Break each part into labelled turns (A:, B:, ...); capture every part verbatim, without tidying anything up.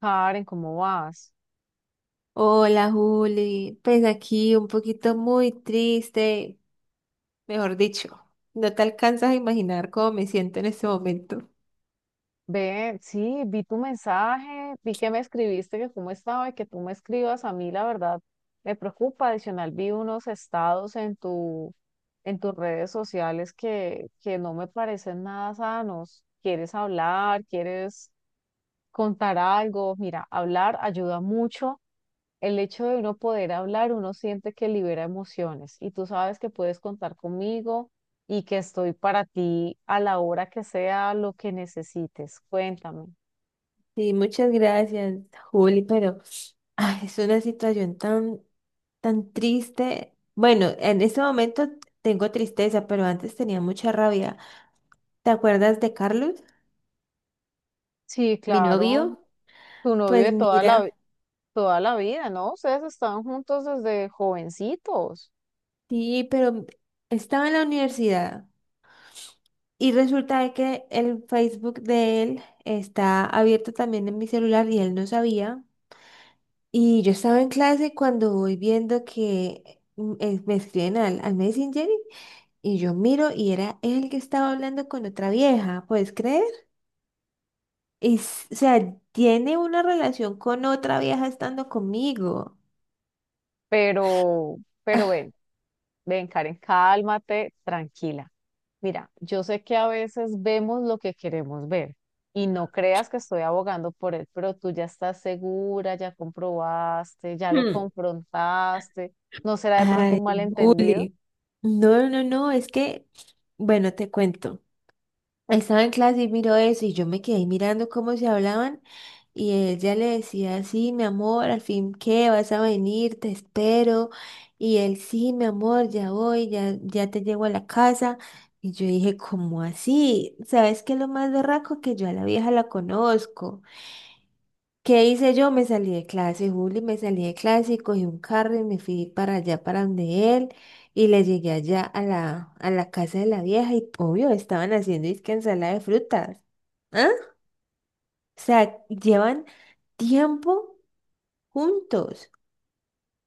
A: Karen, ¿cómo vas?
B: Hola Juli, pues aquí un poquito muy triste, mejor dicho, no te alcanzas a imaginar cómo me siento en este momento.
A: Ve, sí, vi tu mensaje, vi que me escribiste, que cómo estaba y que tú me escribas. A mí, la verdad, me preocupa. Adicional, vi unos estados en tu, en tus redes sociales que, que no me parecen nada sanos. ¿Quieres hablar? ¿Quieres contar algo? Mira, hablar ayuda mucho. El hecho de uno poder hablar, uno siente que libera emociones y tú sabes que puedes contar conmigo y que estoy para ti a la hora que sea lo que necesites. Cuéntame.
B: Sí, muchas gracias Juli, pero ay, es una situación tan, tan triste. Bueno, en este momento tengo tristeza, pero antes tenía mucha rabia. ¿Te acuerdas de Carlos,
A: Sí,
B: mi
A: claro,
B: novio?
A: tu novio
B: Pues
A: de toda la, vi-
B: mira,
A: toda la vida, ¿no? Ustedes estaban juntos desde jovencitos,
B: sí, pero estaba en la universidad. Y resulta de que el Facebook de él está abierto también en mi celular y él no sabía. Y yo estaba en clase cuando voy viendo que mm, eh, me escriben al, al Messenger y yo miro y era él que estaba hablando con otra vieja, ¿puedes creer? Y, s- o sea, tiene una relación con otra vieja estando conmigo.
A: pero, pero
B: Ah.
A: ven, ven, Karen, cálmate, tranquila. Mira, yo sé que a veces vemos lo que queremos ver y no creas que estoy abogando por él, pero tú ya estás segura, ya comprobaste, ya lo
B: Hmm.
A: confrontaste, ¿no será de pronto
B: Ay,
A: un malentendido?
B: bully. No, no, no, es que, bueno, te cuento. Estaba en clase y miró eso y yo me quedé mirando cómo se hablaban y ella le decía, sí, mi amor, al fin qué, vas a venir, te espero. Y él, sí, mi amor, ya voy, ya, ya te llego a la casa. Y yo dije, ¿cómo así? ¿Sabes qué es lo más berraco? Que yo a la vieja la conozco. ¿Qué hice yo? Me salí de clase, Juli, me salí de clase y cogí un carro y me fui para allá, para donde él, y le llegué allá a la, a la casa de la vieja y obvio, estaban haciendo disque ensalada de frutas. ¿Ah? O sea, llevan tiempo juntos.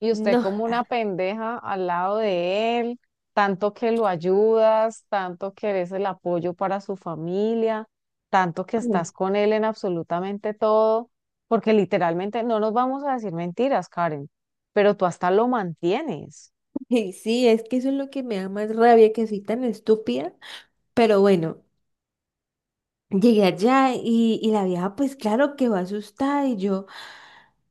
A: Y usted
B: No,
A: como una pendeja al lado de él, tanto que lo ayudas, tanto que eres el apoyo para su familia, tanto que estás
B: ay,
A: con él en absolutamente todo, porque literalmente no nos vamos a decir mentiras, Karen, pero tú hasta lo mantienes.
B: sí, es que eso es lo que me da más rabia, que soy tan estúpida, pero bueno. Llegué allá y, y la vieja, pues claro, quedó asustada y yo, o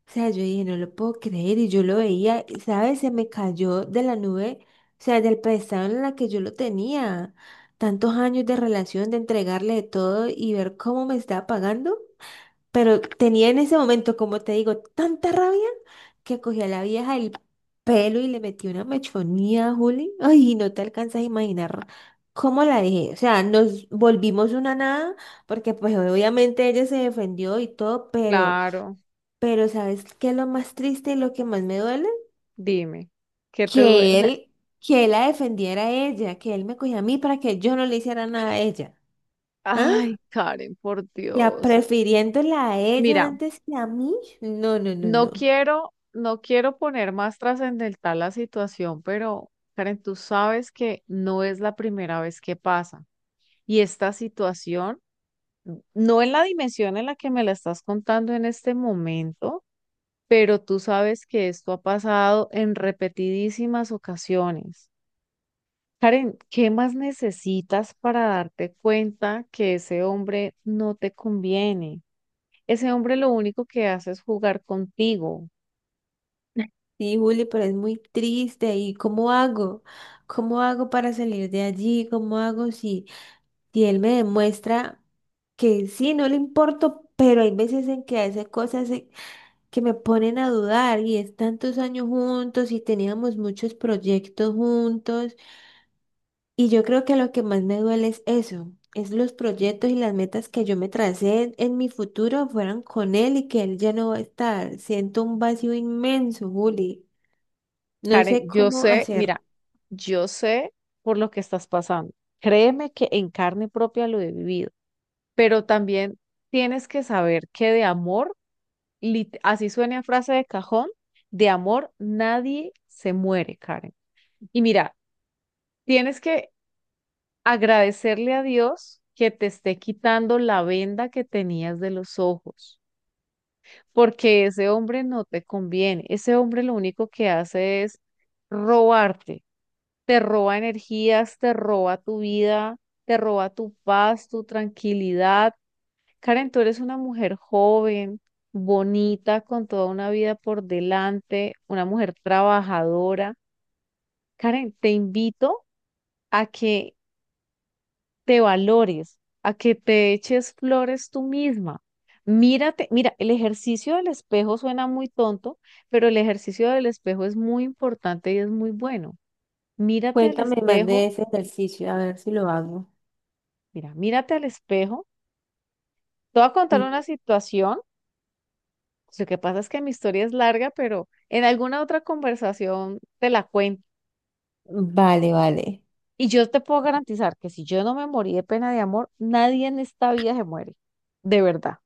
B: sea, yo dije, no lo puedo creer y yo lo veía, y, ¿sabes? Se me cayó de la nube, o sea, del pedestal en la que yo lo tenía, tantos años de relación, de entregarle de todo y ver cómo me estaba pagando. Pero tenía en ese momento, como te digo, tanta rabia que cogí a la vieja del pelo y le metí una mechonía a Juli. Ay, no te alcanzas a imaginar cómo la dejé. O sea, nos volvimos una nada, porque pues obviamente ella se defendió y todo, pero,
A: Claro,
B: pero ¿sabes qué es lo más triste y lo que más me duele?
A: dime, ¿qué te duele? O
B: Que
A: sea,
B: él, que él la defendiera a ella, que él me cogía a mí para que yo no le hiciera nada a ella. ¿Ah?
A: ay, Karen, por
B: Ya
A: Dios.
B: prefiriéndola a ella
A: Mira,
B: antes que a mí. No, no, no,
A: no
B: no.
A: quiero, no quiero poner más trascendental la situación, pero Karen, tú sabes que no es la primera vez que pasa. Y esta situación, no en la dimensión en la que me la estás contando en este momento, pero tú sabes que esto ha pasado en repetidísimas ocasiones. Karen, ¿qué más necesitas para darte cuenta que ese hombre no te conviene? Ese hombre lo único que hace es jugar contigo.
B: Sí, Juli, pero es muy triste. ¿Y cómo hago? ¿Cómo hago para salir de allí? ¿Cómo hago si, si él me demuestra que sí, no le importo, pero hay veces en que hace cosas en- que me ponen a dudar y es tantos años juntos y teníamos muchos proyectos juntos y yo creo que lo que más me duele es eso, es los proyectos y las metas que yo me tracé en, en mi futuro fueran con él y que él ya no va a estar. Siento un vacío inmenso, Juli. No
A: Karen,
B: sé
A: yo
B: cómo
A: sé,
B: hacer.
A: mira, yo sé por lo que estás pasando. Créeme que en carne propia lo he vivido, pero también tienes que saber que de amor, lit- así suena a frase de cajón, de amor nadie se muere, Karen. Y mira, tienes que agradecerle a Dios que te esté quitando la venda que tenías de los ojos, porque ese hombre no te conviene. Ese hombre lo único que hace es robarte, te roba energías, te roba tu vida, te roba tu paz, tu tranquilidad. Karen, tú eres una mujer joven, bonita, con toda una vida por delante, una mujer trabajadora. Karen, te invito a que te valores, a que te eches flores tú misma. Mírate, mira, el ejercicio del espejo suena muy tonto, pero el ejercicio del espejo es muy importante y es muy bueno. Mírate al
B: Cuéntame más de
A: espejo,
B: ese ejercicio, a ver si lo hago.
A: mira, mírate al espejo. Te voy a contar
B: Sí.
A: una situación. Lo que pasa es que mi historia es larga, pero en alguna otra conversación te la cuento.
B: Vale, vale.
A: Y yo te puedo garantizar que si yo no me morí de pena de amor, nadie en esta vida se muere, de verdad.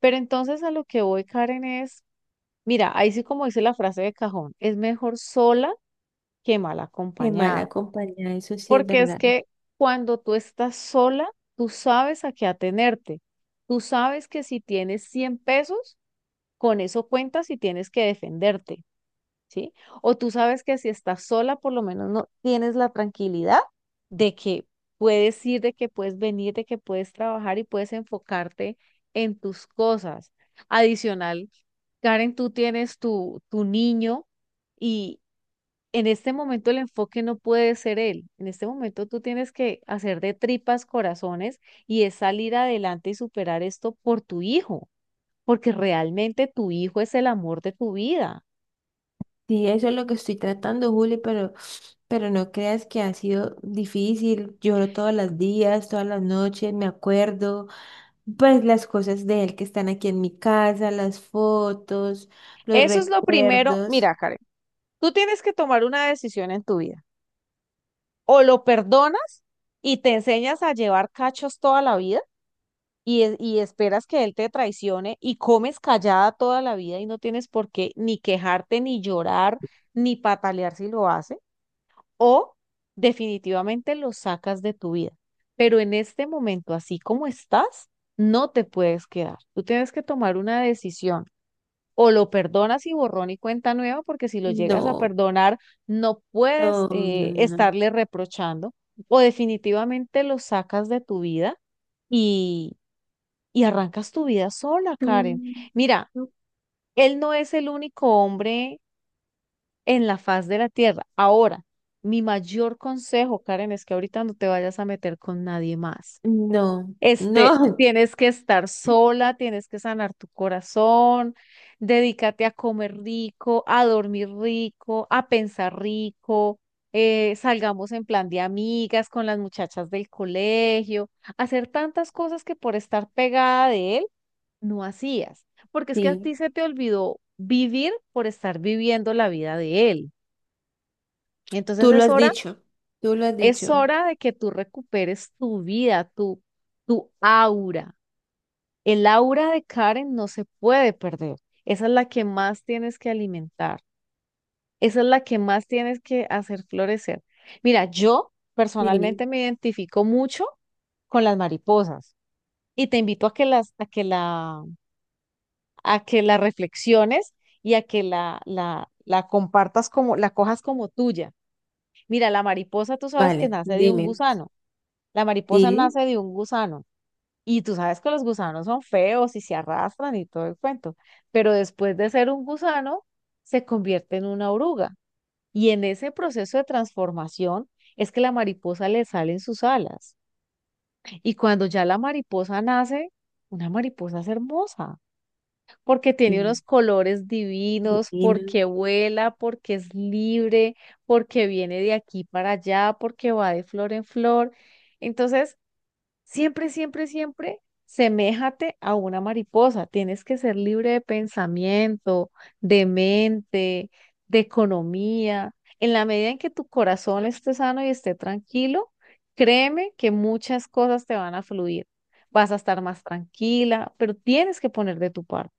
A: Pero entonces a lo que voy, Karen, es mira, ahí sí como dice la frase de cajón, es mejor sola que mal
B: Qué
A: acompañada,
B: mala compañía, eso sí es
A: porque es
B: verdad.
A: que cuando tú estás sola, tú sabes a qué atenerte. Tú sabes que si tienes cien pesos, con eso cuentas y tienes que defenderte, ¿sí? O tú sabes que si estás sola, por lo menos no tienes la tranquilidad de que puedes ir, de que puedes venir, de que puedes trabajar y puedes enfocarte en tus cosas. Adicional. Karen, tú tienes tu, tu niño y en este momento el enfoque no puede ser él. En este momento tú tienes que hacer de tripas corazones y es salir adelante y superar esto por tu hijo, porque realmente tu hijo es el amor de tu vida.
B: Sí, eso es lo que estoy tratando, Juli, pero, pero no creas que ha sido difícil. Lloro todos los días, todas las noches, me acuerdo. Pues las cosas de él que están aquí en mi casa, las fotos, los
A: Eso es lo primero.
B: recuerdos.
A: Mira, Karen, tú tienes que tomar una decisión en tu vida. O lo perdonas y te enseñas a llevar cachos toda la vida y, es- y esperas que él te traicione y comes callada toda la vida y no tienes por qué ni quejarte, ni llorar, ni patalear si lo hace, o definitivamente lo sacas de tu vida. Pero en este momento, así como estás, no te puedes quedar. Tú tienes que tomar una decisión. O lo perdonas y borrón y cuenta nueva, porque si lo llegas a
B: No,
A: perdonar, no puedes
B: no, no,
A: eh,
B: no.
A: estarle reprochando. O definitivamente lo sacas de tu vida y arrancas tu vida sola, Karen. Mira,
B: No.
A: él no es el único hombre en la faz de la tierra. Ahora, mi mayor consejo, Karen, es que ahorita no te vayas a meter con nadie más.
B: Mm. No,
A: Este,
B: no.
A: tienes que estar sola, tienes que sanar tu corazón, dedícate a comer rico, a dormir rico, a pensar rico, eh, salgamos en plan de amigas con las muchachas del colegio, hacer tantas cosas que por estar pegada de él no hacías, porque es que a
B: Sí.
A: ti se te olvidó vivir por estar viviendo la vida de él. Entonces
B: Tú lo
A: es
B: has
A: hora,
B: dicho, tú lo has
A: es
B: dicho.
A: hora de que tú recuperes tu vida, tu, tu aura. El aura de Karen no se puede perder. Esa es la que más tienes que alimentar. Esa es la que más tienes que hacer florecer. Mira, yo personalmente
B: Sí,
A: me identifico mucho con las mariposas y te invito a que las, a que la a que la reflexiones y a que la, la, la compartas como, la cojas como tuya. Mira, la mariposa tú sabes que
B: vale,
A: nace de un
B: dime.
A: gusano, la mariposa
B: Sí,
A: nace de un gusano y tú sabes que los gusanos son feos y se arrastran y todo el cuento, pero después de ser un gusano se convierte en una oruga y en ese proceso de transformación es que la mariposa le salen sus alas y cuando ya la mariposa nace, una mariposa es hermosa, porque tiene
B: sí,
A: unos colores divinos,
B: divino.
A: porque vuela, porque es libre, porque viene de aquí para allá, porque va de flor en flor. Entonces, siempre, siempre, siempre, seméjate a una mariposa. Tienes que ser libre de pensamiento, de mente, de economía. En la medida en que tu corazón esté sano y esté tranquilo, créeme que muchas cosas te van a fluir. Vas a estar más tranquila, pero tienes que poner de tu parte.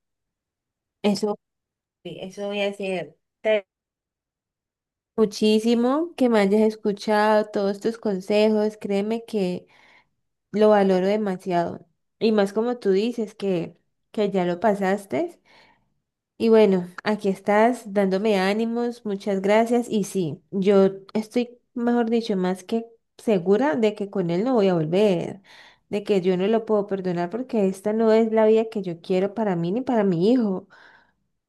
B: Eso, eso voy a hacer. Te- Muchísimo que me hayas escuchado todos tus consejos, créeme que lo valoro demasiado. Y más como tú dices que, que ya lo pasaste. Y bueno, aquí estás dándome ánimos, muchas gracias. Y sí, yo estoy, mejor dicho, más que segura de que con él no voy a volver, de que yo no lo puedo perdonar porque esta no es la vida que yo quiero para mí ni para mi hijo.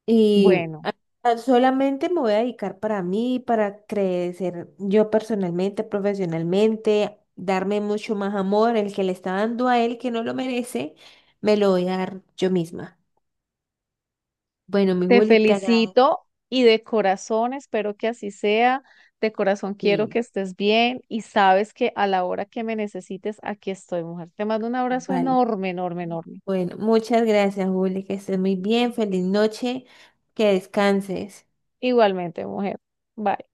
B: Y
A: Bueno,
B: a- a- Solamente me voy a dedicar para mí, para crecer yo personalmente, profesionalmente, darme mucho más amor, el que le está dando a él que no lo merece, me lo voy a dar yo misma. Bueno, mi
A: te
B: Juli, te agradezco.
A: felicito y de corazón espero que así sea. De corazón quiero que
B: Sí.
A: estés bien y sabes que a la hora que me necesites, aquí estoy, mujer. Te mando un abrazo
B: Vale.
A: enorme, enorme, enorme.
B: Bueno, muchas gracias, Juli, que estés muy bien, feliz noche, que descanses.
A: Igualmente, mujer. Bye.